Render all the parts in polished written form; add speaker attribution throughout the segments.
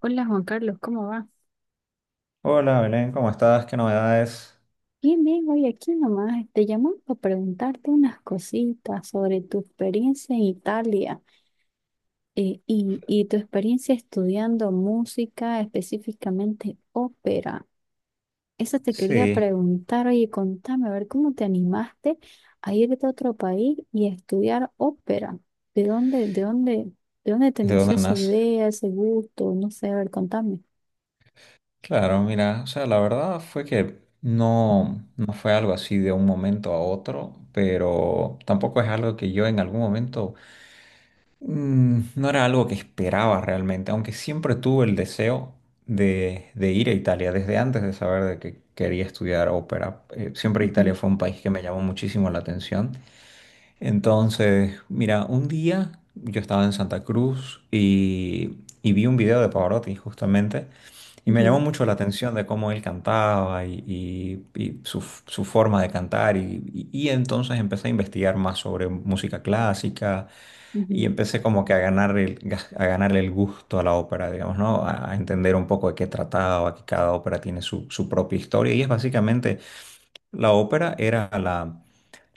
Speaker 1: Hola Juan Carlos, ¿cómo va?
Speaker 2: Hola Belén, ¿cómo estás? ¿Qué novedades?
Speaker 1: Bien, bien, hoy aquí nomás te llamamos para preguntarte unas cositas sobre tu experiencia en Italia y tu experiencia estudiando música, específicamente ópera. Eso te quería
Speaker 2: Sí,
Speaker 1: preguntar, oye, contame, a ver, ¿cómo te animaste a irte a otro país y a estudiar ópera? ¿De dónde, de dónde, de dónde te
Speaker 2: ¿de dónde
Speaker 1: nació esa
Speaker 2: andas?
Speaker 1: idea, ese gusto? No sé, a ver, contame.
Speaker 2: Claro, mira, o sea, la verdad fue que no fue algo así de un momento a otro, pero tampoco es algo que yo en algún momento, no era algo que esperaba realmente, aunque siempre tuve el deseo de ir a Italia desde antes de saber de que quería estudiar ópera. Siempre Italia
Speaker 1: Ujú,
Speaker 2: fue un país que me llamó muchísimo la atención. Entonces, mira, un día yo estaba en Santa Cruz y vi un video de Pavarotti justamente y me llamó
Speaker 1: ujú,
Speaker 2: mucho la atención de cómo él cantaba y su forma de cantar y entonces empecé a investigar más sobre música clásica y
Speaker 1: ujú,
Speaker 2: empecé como que a a ganarle el gusto a la ópera, digamos, ¿no? A entender un poco de qué trataba, que cada ópera tiene su propia historia y es básicamente, la ópera era la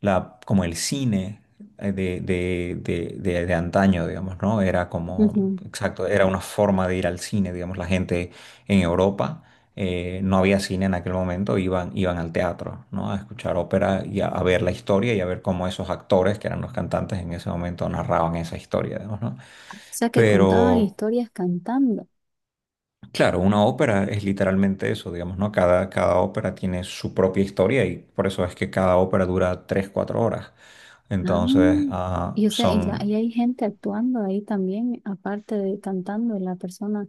Speaker 2: la, como el cine de antaño, digamos, ¿no? Era como,
Speaker 1: ujú,
Speaker 2: exacto, era una forma de ir al cine, digamos, la gente en Europa. No había cine en aquel momento, iban al teatro, ¿no? A escuchar ópera y a ver la historia y a ver cómo esos actores, que eran los cantantes en ese momento, narraban esa historia, digamos, ¿no?
Speaker 1: sea, que contaban
Speaker 2: Pero
Speaker 1: historias cantando.
Speaker 2: Claro, una ópera es literalmente eso, digamos, ¿no? Cada ópera tiene su propia historia y por eso es que cada ópera dura 3 4 horas.
Speaker 1: Ah,
Speaker 2: Entonces,
Speaker 1: y o sea, y, la,
Speaker 2: son
Speaker 1: y hay gente actuando ahí también, aparte de cantando la persona.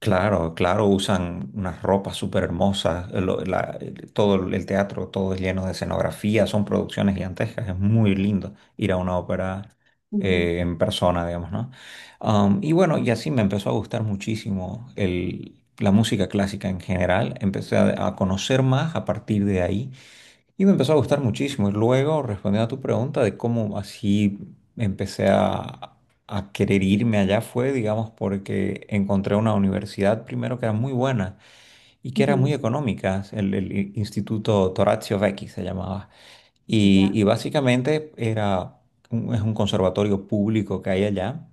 Speaker 2: claro, claro, usan unas ropas súper hermosas, todo el teatro, todo es lleno de escenografía, son producciones gigantescas, es muy lindo ir a una ópera
Speaker 1: Ujú,
Speaker 2: en persona, digamos, ¿no? Y bueno, y así me empezó a gustar muchísimo la música clásica en general, empecé a conocer más a partir de ahí y me empezó a gustar muchísimo. Y luego, respondiendo a tu pregunta de cómo así empecé a, a querer irme allá, fue, digamos, porque encontré una universidad primero que era muy buena y que era
Speaker 1: ujú,
Speaker 2: muy económica. Instituto Torazio Vecchi se llamaba.
Speaker 1: ya.
Speaker 2: Y básicamente era es un conservatorio público que hay allá,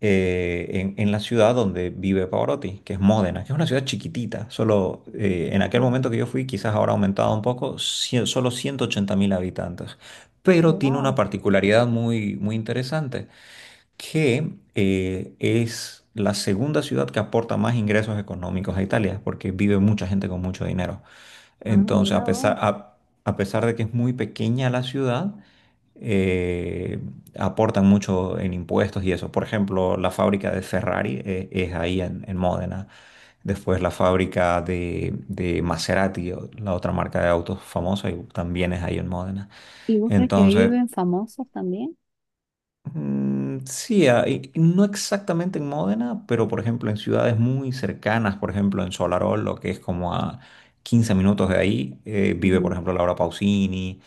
Speaker 2: en la ciudad donde vive Pavarotti, que es Módena, que es una ciudad chiquitita, solo, en aquel
Speaker 1: Ujú.
Speaker 2: momento que yo fui, quizás ahora ha aumentado un poco, solo 180 mil habitantes, pero tiene una
Speaker 1: Wow.
Speaker 2: particularidad muy, muy interesante, que es la segunda ciudad que aporta más ingresos económicos a Italia, porque vive mucha gente con mucho dinero.
Speaker 1: Ah,
Speaker 2: Entonces,
Speaker 1: mira vos.
Speaker 2: a pesar de que es muy pequeña la ciudad, eh, aportan mucho en impuestos y eso. Por ejemplo, la fábrica de Ferrari es ahí en Módena. Después la fábrica de Maserati, la otra marca de autos famosa, y también es ahí en Módena.
Speaker 1: ¿Y vos crees que ahí
Speaker 2: Entonces,
Speaker 1: viven famosos también?
Speaker 2: mm, sí, ah, y no exactamente en Módena, pero por ejemplo en ciudades muy cercanas, por ejemplo en Solarol, lo que es como a 15 minutos de ahí, vive por
Speaker 1: Ujú.
Speaker 2: ejemplo Laura Pausini,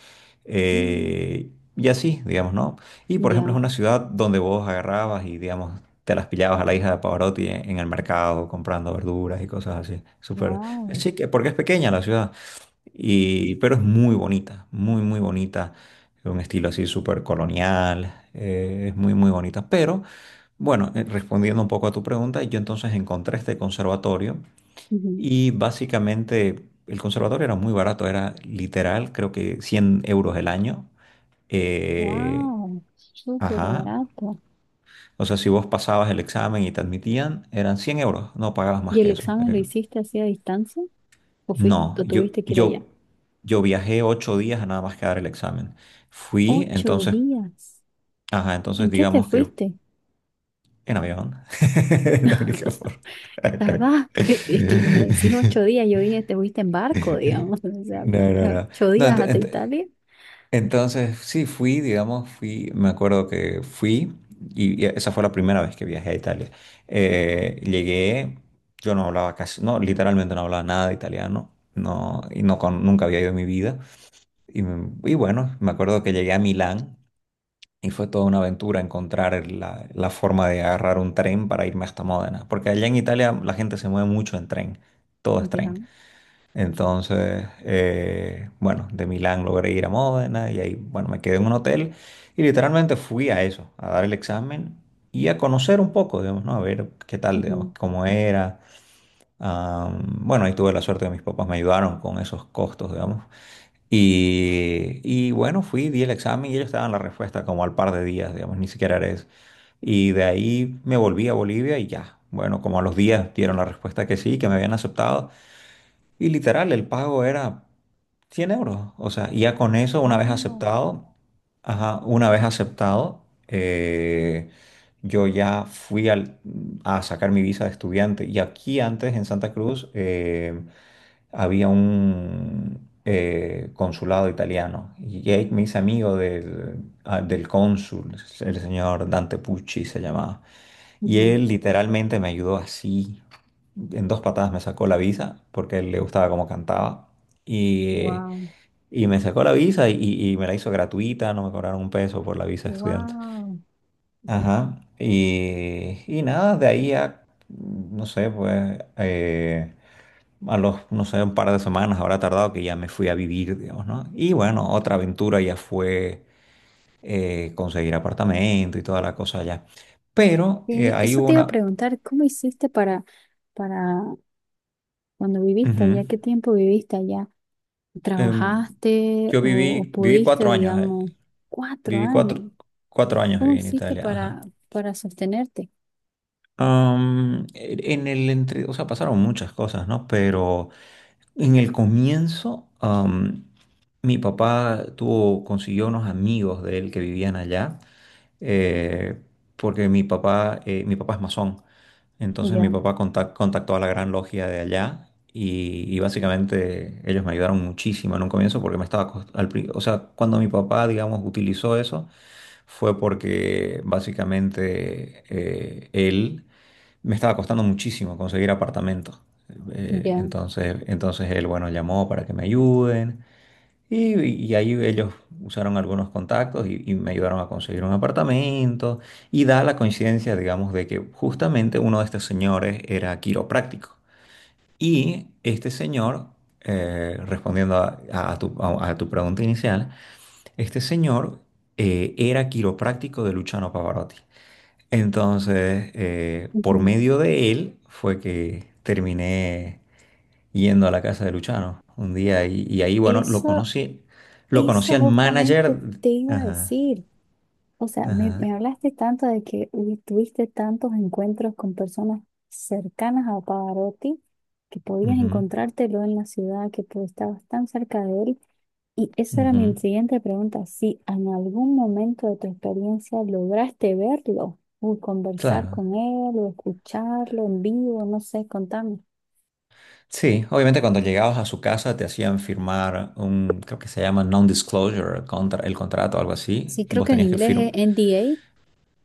Speaker 1: Mm,
Speaker 2: eh, y así, digamos, ¿no? Y por ejemplo
Speaker 1: ya.
Speaker 2: es una ciudad donde vos agarrabas y, digamos, te las pillabas a la hija de Pavarotti en el mercado comprando verduras y cosas así. Súper, es
Speaker 1: Wow.
Speaker 2: chique, porque es pequeña la ciudad. Y, pero es muy bonita, muy, muy bonita. Un estilo así súper colonial. Es muy, muy bonita. Pero bueno, respondiendo un poco a tu pregunta, yo entonces encontré este conservatorio
Speaker 1: Ujú.
Speaker 2: y básicamente el conservatorio era muy barato, era literal, creo que 100 euros el año. Eh,
Speaker 1: Wow. Súper
Speaker 2: ajá.
Speaker 1: barato.
Speaker 2: O sea, si vos pasabas el examen y te admitían, eran 100 euros, no pagabas
Speaker 1: ¿Y
Speaker 2: más
Speaker 1: el
Speaker 2: que eso.
Speaker 1: examen lo
Speaker 2: Eh.
Speaker 1: hiciste así a distancia? ¿O fuiste,
Speaker 2: No,
Speaker 1: o tuviste que ir allá?
Speaker 2: yo viajé 8 días a nada más que dar el examen. Fui,
Speaker 1: Ocho
Speaker 2: entonces,
Speaker 1: días.
Speaker 2: ajá, entonces
Speaker 1: ¿En qué te
Speaker 2: digamos que
Speaker 1: fuiste?
Speaker 2: en avión. La única forma.
Speaker 1: ¿Verdad? Es que me decís ocho días, yo dije, te fuiste en barco, digamos, o sea,
Speaker 2: No, no, no.
Speaker 1: ocho
Speaker 2: No,
Speaker 1: días
Speaker 2: ent-
Speaker 1: hasta
Speaker 2: ent-
Speaker 1: Italia.
Speaker 2: entonces sí fui, digamos, fui, me acuerdo que fui y esa fue la primera vez que viajé a Italia. Llegué, yo no hablaba casi, no, literalmente no hablaba nada de italiano, no, y nunca había ido en mi vida. Y, y bueno, me acuerdo que llegué a Milán y fue toda una aventura encontrar la forma de agarrar un tren para irme hasta Módena, porque allá en Italia la gente se mueve mucho en tren, todo es tren.
Speaker 1: Ya.
Speaker 2: Entonces, bueno, de Milán logré ir a Módena y ahí, bueno, me quedé en un hotel y literalmente fui a eso, a dar el examen y a conocer un poco, digamos, ¿no? A ver qué tal, digamos, cómo era. Ah, bueno, ahí tuve la suerte que mis papás me ayudaron con esos costos, digamos. Y bueno, fui, di el examen y ellos estaban la respuesta como al par de días, digamos, ni siquiera era eso. Y de ahí me volví a Bolivia y ya. Bueno, como a los días dieron la respuesta que sí, que me habían aceptado. Y literal, el pago era 100 euros. O sea, y ya con eso, una vez
Speaker 1: Wow.
Speaker 2: aceptado, ajá, una vez aceptado, eh, yo ya fui a sacar mi visa de estudiante. Y aquí antes, en Santa Cruz, había un, consulado italiano y Jake me hice amigo del, del cónsul, el señor Dante Pucci se llamaba, y él literalmente me ayudó así, en dos patadas me sacó la visa porque a él le gustaba cómo cantaba y,
Speaker 1: Wow.
Speaker 2: y me sacó la visa y me la hizo gratuita, no me cobraron un peso por la visa de estudiante.
Speaker 1: Wow.
Speaker 2: Ajá, y nada, no sé, pues... a los, no sé, un par de semanas habrá tardado que ya me fui a vivir, digamos, ¿no? Y bueno, otra aventura ya fue, conseguir apartamento y toda la cosa allá. Pero ahí
Speaker 1: Eso
Speaker 2: hubo
Speaker 1: te iba a
Speaker 2: una...
Speaker 1: preguntar, ¿cómo hiciste para cuando viviste
Speaker 2: Ujú.
Speaker 1: allá? ¿Qué tiempo viviste allá?
Speaker 2: Em,
Speaker 1: ¿Trabajaste
Speaker 2: yo
Speaker 1: o
Speaker 2: viví, viví
Speaker 1: pudiste,
Speaker 2: 4 años,
Speaker 1: digamos, cuatro
Speaker 2: viví
Speaker 1: años?
Speaker 2: cuatro, 4 años
Speaker 1: ¿Cómo
Speaker 2: viví en
Speaker 1: hiciste
Speaker 2: Italia, ajá.
Speaker 1: para sostenerte?
Speaker 2: Am, En el entre, o sea, pasaron muchas cosas, ¿no? Pero en el comienzo, mi papá tuvo, consiguió unos amigos de él que vivían allá, eh, porque mi papá es masón. Entonces mi
Speaker 1: Ya,
Speaker 2: papá contactó a la Gran Logia de allá y básicamente ellos me ayudaron muchísimo en un comienzo porque me estaba, o sea, cuando mi papá, digamos, utilizó eso, fue porque básicamente él me estaba costando muchísimo conseguir apartamento.
Speaker 1: ya.
Speaker 2: Entonces él, bueno, llamó para que me ayuden y ahí ellos usaron algunos contactos y me ayudaron a conseguir un apartamento. Y da la coincidencia, digamos, de que justamente uno de estos señores era quiropráctico. Y este señor, respondiendo a tu pregunta inicial, este señor, era quiropráctico de Luciano Pavarotti. Entonces, por
Speaker 1: Ujú.
Speaker 2: medio de él fue que terminé yendo a la casa de Luchano un día y ahí, bueno,
Speaker 1: Eso,
Speaker 2: lo conocí
Speaker 1: eso
Speaker 2: al
Speaker 1: justamente
Speaker 2: manager.
Speaker 1: te iba a
Speaker 2: Ajá,
Speaker 1: decir. O sea, me
Speaker 2: ajá,
Speaker 1: hablaste tanto de que tuviste tantos encuentros con personas cercanas a Pavarotti que podías
Speaker 2: ujú,
Speaker 1: encontrártelo en la ciudad, que tú estabas tan cerca de él. Y esa era mi
Speaker 2: ujú,
Speaker 1: siguiente pregunta, si en algún momento de tu experiencia lograste verlo, o conversar
Speaker 2: claro.
Speaker 1: con él, o escucharlo en vivo, no sé, contame.
Speaker 2: Sí, obviamente cuando llegabas a su casa te hacían firmar un, creo que se llama non-disclosure, contra, el contrato, algo así,
Speaker 1: Sí,
Speaker 2: y
Speaker 1: creo
Speaker 2: vos
Speaker 1: que en
Speaker 2: tenías que
Speaker 1: inglés
Speaker 2: firmar.
Speaker 1: es NDA.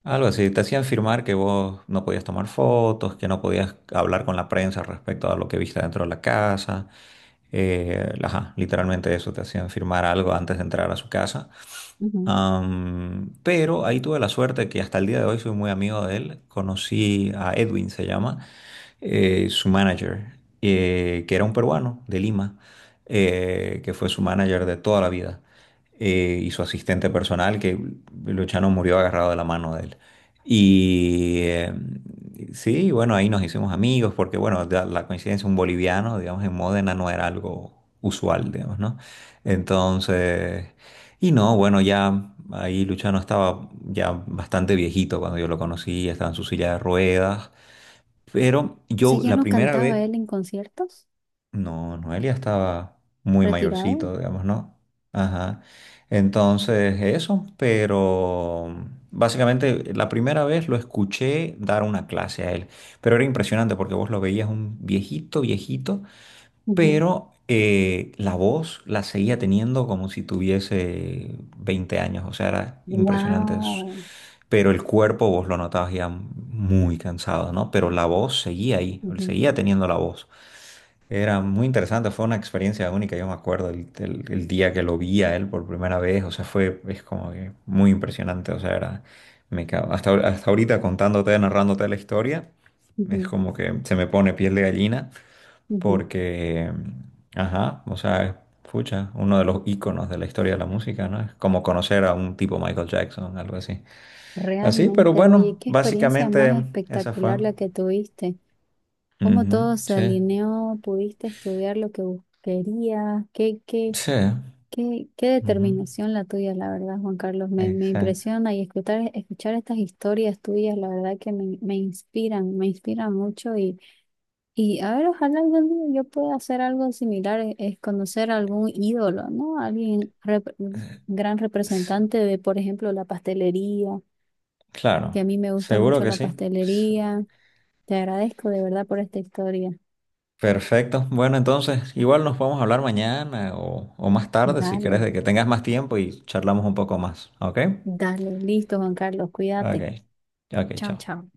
Speaker 2: Algo así, te hacían firmar que vos no podías tomar fotos, que no podías hablar con la prensa respecto a lo que viste dentro de la casa. Ajá, literalmente eso, te hacían firmar algo antes de entrar a su casa.
Speaker 1: Ujú. O
Speaker 2: Pero ahí tuve la suerte que hasta el día de hoy soy muy amigo de él. Conocí a Edwin, se llama, su manager, que era un peruano de Lima, que fue su manager de toda la vida, y su asistente personal, que Luchano murió agarrado de la mano de él. Y sí, bueno, ahí nos hicimos amigos, porque bueno, la coincidencia, un boliviano, digamos, en Módena no era algo usual, digamos, ¿no? Entonces... Y no, bueno, ya ahí Luchano estaba ya bastante viejito cuando yo lo conocí, estaba en su silla de ruedas, pero
Speaker 1: sea,
Speaker 2: yo
Speaker 1: ¿ya
Speaker 2: la
Speaker 1: no
Speaker 2: primera
Speaker 1: cantaba
Speaker 2: vez,
Speaker 1: él en conciertos?
Speaker 2: no, Noelia estaba muy
Speaker 1: ¿Retirado?
Speaker 2: mayorcito, digamos, ¿no? Ajá. Entonces, eso, pero básicamente la primera vez lo escuché dar una clase a él, pero era impresionante porque vos lo veías un viejito, viejito, pero la voz la seguía teniendo como si tuviese 20 años, o sea, era impresionante. Es...
Speaker 1: Wow.
Speaker 2: Pero el cuerpo vos lo notabas ya muy cansado, ¿no? Pero la voz seguía ahí, él seguía teniendo la voz. Era muy interesante, fue una experiencia única, yo me acuerdo el día que lo vi a él por primera vez, o sea, fue, es como que muy impresionante, o sea, era, hasta, hasta ahorita contándote, narrándote la historia, es
Speaker 1: Ujú,
Speaker 2: como que se me pone piel de gallina
Speaker 1: ujú.
Speaker 2: porque, ajá, o sea, es, pucha, uno de los íconos de la historia de la música, ¿no? Es como conocer a un tipo Michael Jackson, algo así. Así, pero
Speaker 1: Realmente, oye,
Speaker 2: bueno,
Speaker 1: qué experiencia
Speaker 2: básicamente
Speaker 1: más
Speaker 2: esa fue.
Speaker 1: espectacular la que tuviste. Cómo
Speaker 2: Ujú,
Speaker 1: todo se
Speaker 2: sí,
Speaker 1: alineó, pudiste estudiar lo que querías, qué, qué,
Speaker 2: sí,
Speaker 1: qué, qué
Speaker 2: ujú,
Speaker 1: determinación la tuya, la verdad, Juan Carlos. Me
Speaker 2: exacto.
Speaker 1: impresiona y escuchar, escuchar estas historias tuyas, la verdad que me inspiran, me inspiran mucho. Y a ver, ojalá algún día yo pueda hacer algo similar, es conocer algún ídolo, ¿no? Alguien gran
Speaker 2: S-
Speaker 1: representante de, por ejemplo, la pastelería
Speaker 2: Claro,
Speaker 1: que a mí me gusta
Speaker 2: seguro
Speaker 1: mucho
Speaker 2: que
Speaker 1: la
Speaker 2: sí. S-
Speaker 1: pastelería. Te agradezco de verdad por esta historia.
Speaker 2: Perfecto. Bueno, entonces, igual nos podemos hablar mañana o más tarde si quieres,
Speaker 1: Dale,
Speaker 2: de que tengas más tiempo y charlamos un poco más, ¿ok?
Speaker 1: dale, listo, Juan Carlos,
Speaker 2: Ok,
Speaker 1: cuídate.
Speaker 2: ok,
Speaker 1: Chao,
Speaker 2: chao.
Speaker 1: chao.